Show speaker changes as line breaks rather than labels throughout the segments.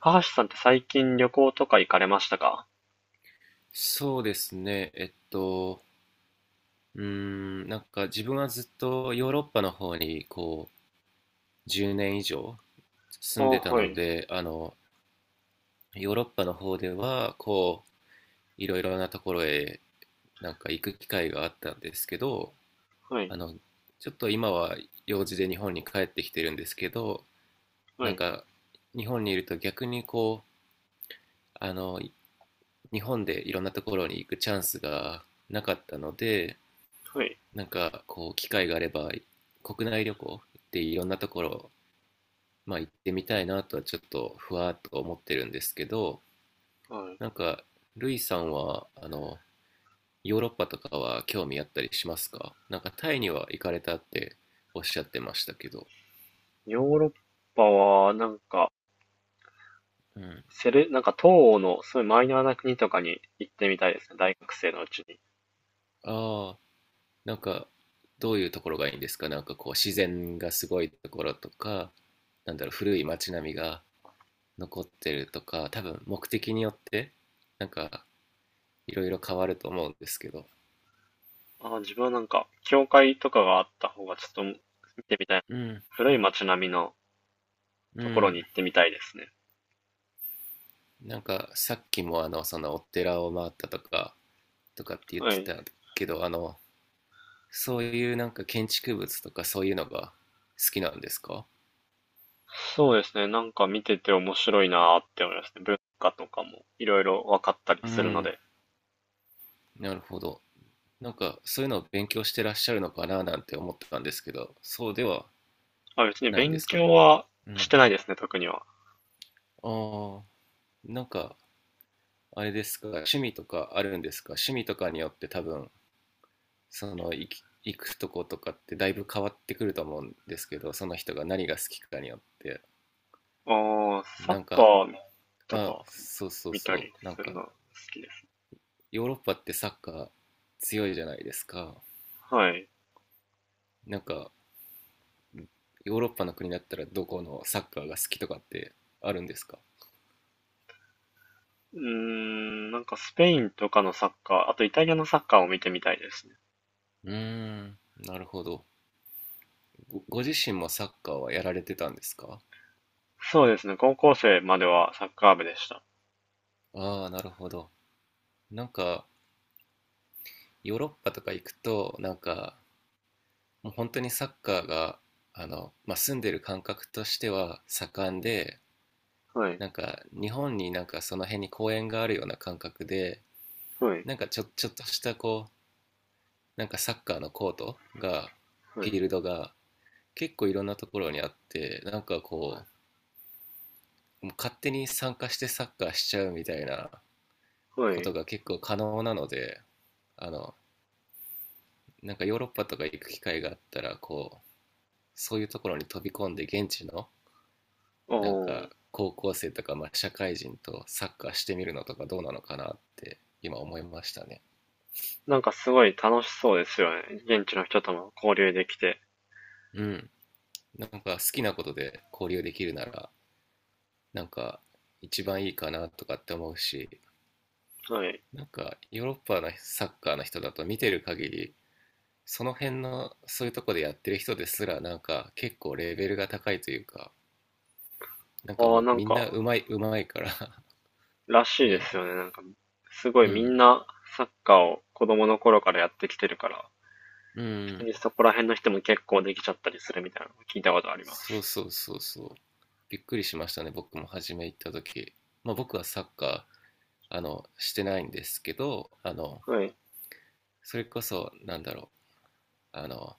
高橋さんって最近旅行とか行かれましたか？
そうですね。なんか自分はずっとヨーロッパの方にこう10年以上
あ
住んでた
は
の
い、
で、ヨーロッパの方ではこういろいろなところへなんか行く機会があったんですけど、
はい、
あの、ちょっと今は用事で日本に帰ってきてるんですけど、
は
なん
い、
か日本にいると逆にこう、あの、日本でいろんなところに行くチャンスがなかったので、
はい、
なんかこう機会があれば国内旅行っていろんなところ、まあ、行ってみたいなとはちょっとふわっと思ってるんですけど。
は
な
い。
んかルイさんはヨーロッパとかは興味あったりしますか？なんかタイには行かれたっておっしゃってましたけど。
ヨーロッパは、なんか、
うん、
なんか東欧のすごいマイナーな国とかに行ってみたいですね、大学生のうちに。
ああ、なんかどういうところがいいんですか？なんかこう自然がすごいところとか、なんだろう、古い街並みが残ってるとか、多分目的によってなんかいろいろ変わると思うんですけど。
ああ、自分はなんか、教会とかがあった方がちょっと見てみたい。
うん、
古い街並みの
う
ところに
ん。
行ってみたいですね。
なんかさっきもそのお寺を回ったとかって言っ
は
て
い。
たけど、そういうなんか建築物とかそういうのが好きなんですか？
そうですね、なんか見てて面白いなーって思いますね。文化とかもいろいろ分かったり
う
するの
ん。
で。
なるほど。なんかそういうのを勉強してらっしゃるのかななんて思ってたんですけど、そうでは
あ、別に
ないんで
勉
すか？
強は
う
し
ん。
てないですね、特には。
ああ、なんかあれですか、趣味とかあるんですか？趣味とかによって多分その行くとことかってだいぶ変わってくると思うんですけど、その人が何が好きかによって。
ああ、サッ
なん
カ
か、
ーと
あ、
か
そうそう
見た
そ
り
う、なん
する
か
の好きです。
ヨーロッパってサッカー強いじゃないですか。
はい。
なんかヨーロッパの国だったらどこのサッカーが好きとかってあるんですか？
うーん、なんかスペインとかのサッカー、あとイタリアのサッカーを見てみたいですね。
うーん。なるほど。ご自身もサッカーはやられてたんですか？
そうですね。高校生まではサッカー部でした。
ああー、なるほど。なんか、ヨーロッパとか行くと、なんか、もう本当にサッカーが、まあ、住んでる感覚としては盛んで、
はい。
なんか日本になんかその辺に公園があるような感覚で、
はい。
なんかちょっとしたこう、なんかサッカーのコートが、
は
フィ
い。
ールドが結構いろんなところにあって、なんかこ
は
うもう勝手に参加してサッカーしちゃうみたいな
い。は
こと
い。
が結構可能なので、あのなんかヨーロッパとか行く機会があったらこうそういうところに飛び込んで、現地の
お
なんか
ー。
高校生とか、まあ、社会人とサッカーしてみるのとかどうなのかなって今思いましたね。
なんかすごい楽しそうですよね。現地の人とも交流できて。
うん、なんか好きなことで交流できるならなんか一番いいかなとかって思うし、
はい。
なんかヨーロッパのサッカーの人だと見てる限り、その辺のそういうとこでやってる人ですらなんか結構レベルが高いというか、なんか
ああ、
もう
なん
みんな
か、
うまい、うまいから。
ら しい
う
です
ん。
よね。なんか、すごい
う
みん
ん、
なサッカーを子供の頃からやってきてるから、
う
普通
ん。
にそこら辺の人も結構できちゃったりするみたいなのを聞いたことありま
そう
す。
そうそうそう。びっくりしましたね、僕も初め行った時。まあ僕はサッカー、してないんですけど、
はい、
それこそ、なんだろう、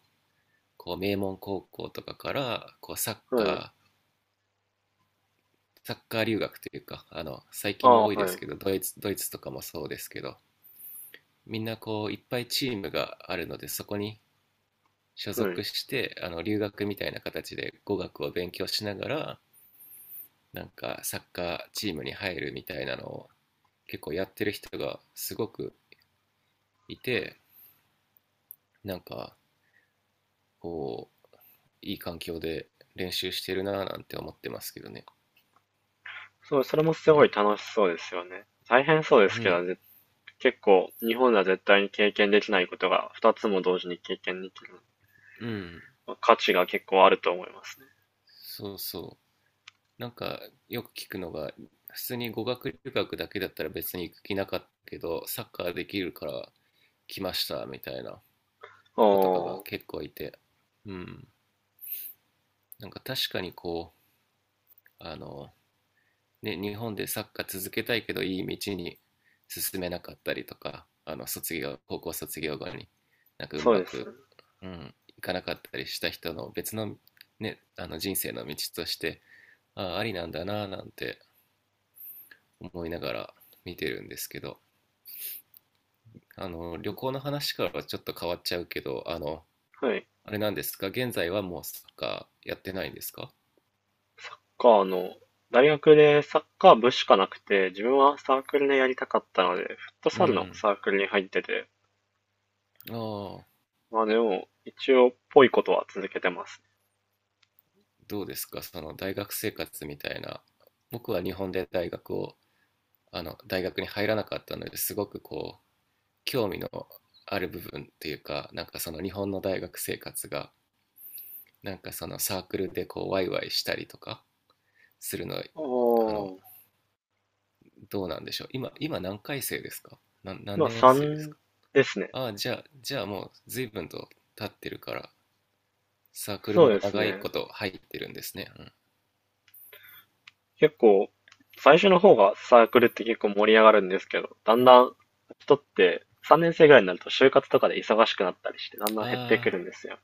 こう、名門高校とかから、こう、
はい。
サッカー留学というか、最
あ
近も
あ、
多いで
は
す
い、
けど、ドイツとかもそうですけど、みんなこう、いっぱいチームがあるので、そこに所
はい、は
属
い。
して、留学みたいな形で語学を勉強しながら、なんかサッカーチームに入るみたいなのを結構やってる人がすごくいて、なんかこういい環境で練習してるなぁなんて思ってますけどね。
そう、それもす
う
ごい
ん、
楽しそうですよね。大変そうです
う
け
ん、
ど、結構、日本では絶対に経験できないことが2つも同時に経験できる。
うん。
まあ価値が結構あると思いますね。
そうそう、なんかよく聞くのが、普通に語学留学だけだったら別に行く気なかったけどサッカーできるから来ましたみたいな
あ
子とかが
あ、
結構いて。うん。なんか確かにこう、ね、日本でサッカー続けたいけどいい道に進めなかったりとか、あの卒業、高校卒業後になんかう
そう
ま
ですよ
く、
ね。
うん、いかなかったりした人の別の、ね、人生の道として、ありなんだななんて思いながら見てるんですけど、旅行の話からはちょっと変わっちゃうけど、
はい。
あれなんですか、現在はもうサッカーやってないんですか？
サッカーの、大学でサッカー部しかなくて、自分はサークルでやりたかったので、フット
う
サルの
ん。
サークルに入ってて、
ああ、
まあでも、一応、ぽいことは続けてます。
どうですかその大学生活みたいな。僕は日本で大学を大学に入らなかったのですごくこう興味のある部分っていうか、なんかその日本の大学生活がなんかそのサークルでこうワイワイしたりとかするの、
あ
あ
あ、
のどうなんでしょう、今何回生ですか、何
まあ
年生です
3
か？
ですね。
ああ、じゃあもう随分と経ってるからサークル
そう
も
です
長い
ね。
こと入ってるんですね。うん。
結構、最初の方がサークルって結構盛り上がるんですけど、だんだん人って3年生ぐらいになると就活とかで忙しくなったりして、だんだん減ってく
ああ、
るんですよ。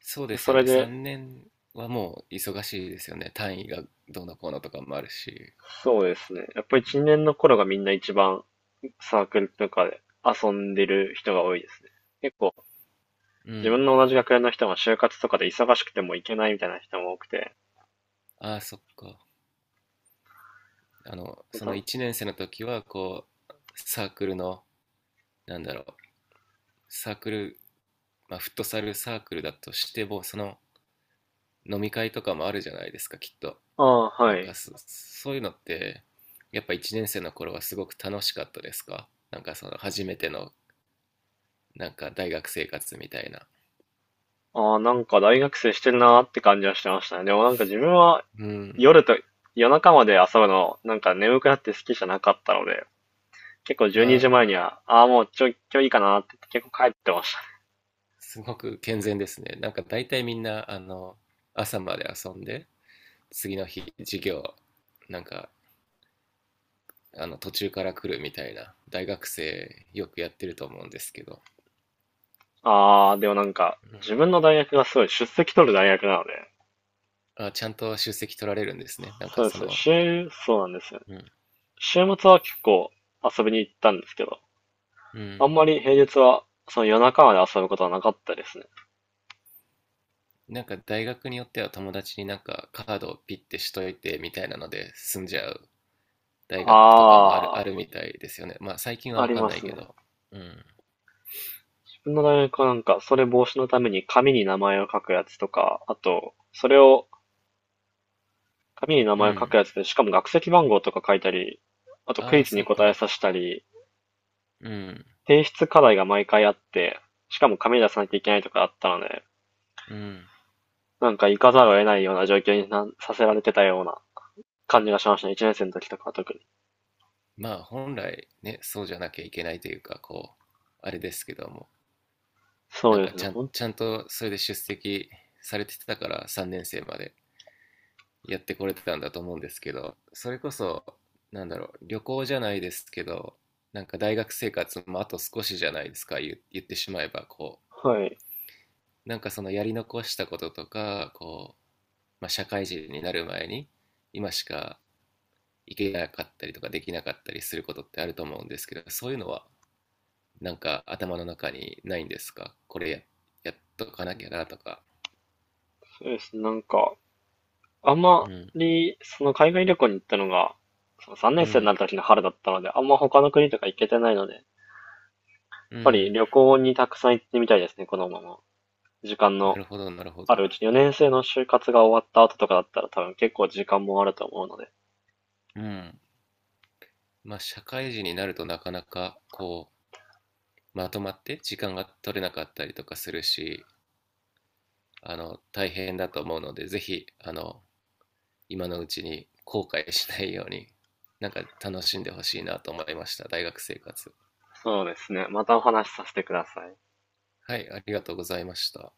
そうで
で
す
そ
よ
れ
ね、
で、
3年はもう忙しいですよね、単位がどうのこうのとかもあるし。
そうですね。やっぱ1、2年の頃がみんな一番サークルとかで遊んでる人が多いですね。結構、
う
自分
ん、
の同じ学年の人が就活とかで忙しくても行けないみたいな人も多くて、
ああ、そっか。
ま
そ
た
の1年生の時は、こう、サークルの、なんだろう、サークル、まあ、フットサルサークルだとしても、その飲み会とかもあるじゃないですか、きっと。
ああ、
な
は
ん
い。
かそういうのって、やっぱ1年生の頃はすごく楽しかったですか？なんかその初めての、なんか大学生活みたいな。
ああ、なんか大学生してるなーって感じはしてましたね。でもなんか自分は
うん。
夜と夜中まで遊ぶのなんか眠くなって好きじゃなかったので、結構
あ
12時
ー、
前にじまえには、ああ、もうちょ、今日いいかなーって言って結構帰ってましたね。
すごく健全ですね。なんか大体みんな、朝まで遊んで、次の日、授業、なんか途中から来るみたいな大学生よくやってると思うんですけど。
ああ、でもなんか
うん。
自分の大学がすごい出席取る大学なので、
あ、ちゃんと出席取られるんですね、なんか
そうで
そ
すよ。
の。
そうなんですよ。
うん、
週末は結構遊びに行ったんですけど、
う
あ
ん。
んまり平日はその夜中まで遊ぶことはなかったですね。
なんか大学によっては友達になんかカードをピッてしといてみたいなので済んじゃう大学とかもある
あ
あるみたいですよね、まあ最近は
あ、あ
分
り
かん
ま
ない
す
け
ね。
ど。うん、
の大学はなんか、それ防止のために紙に名前を書くやつとか、あと、それを、紙に名
う
前を書く
ん。
やつで、しかも学籍番号とか書いたり、あとク
あ
イ
あ、
ズに
そう
答え
か。
させたり、
うん、
提出課題が毎回あって、しかも紙に出さなきゃいけないとかあったので、
うん。
なんか行かざるを得ないような状況になさせられてたような感じがしましたね。1年生の時とかは特に。
まあ本来ね、そうじゃなきゃいけないというか、こうあれですけども、
そ
な
う
ん
で
か
す
ち
ね。
ゃん、ちゃんとそれで出席されてたから3年生までやってこれてたんだと思うんですけど、それこそ、なんだろう、旅行じゃないですけど、なんか大学生活もあと少しじゃないですか、言ってしまえば、こ
はい。
う、なんかそのやり残したこととか、こう、まあ、社会人になる前に、今しか行けなかったりとかできなかったりすることってあると思うんですけど、そういうのはなんか頭の中にないんですか、これやっとかなきゃなとか。
そうですね。なんか、あんま
うん。
り、その海外旅行に行ったのが、その3
う
年生に
ん。
なる時の春だったので、あんま他の国とか行けてないので、
うん。
旅行にたくさん行ってみたいですね、このまま。時間
な
の
るほど、なるほ
あ
ど。
るうちに、4年生の就活が終わった後とかだったら多分結構時間もあると思うので。
うん。まあ、社会人になるとなかなか、こう、まとまって時間が取れなかったりとかするし、大変だと思うので、ぜひ、今のうちに後悔しないように、なんか楽しんでほしいなと思いました、大学生活。
そうですね。またお話しさせてください。
はい、ありがとうございました。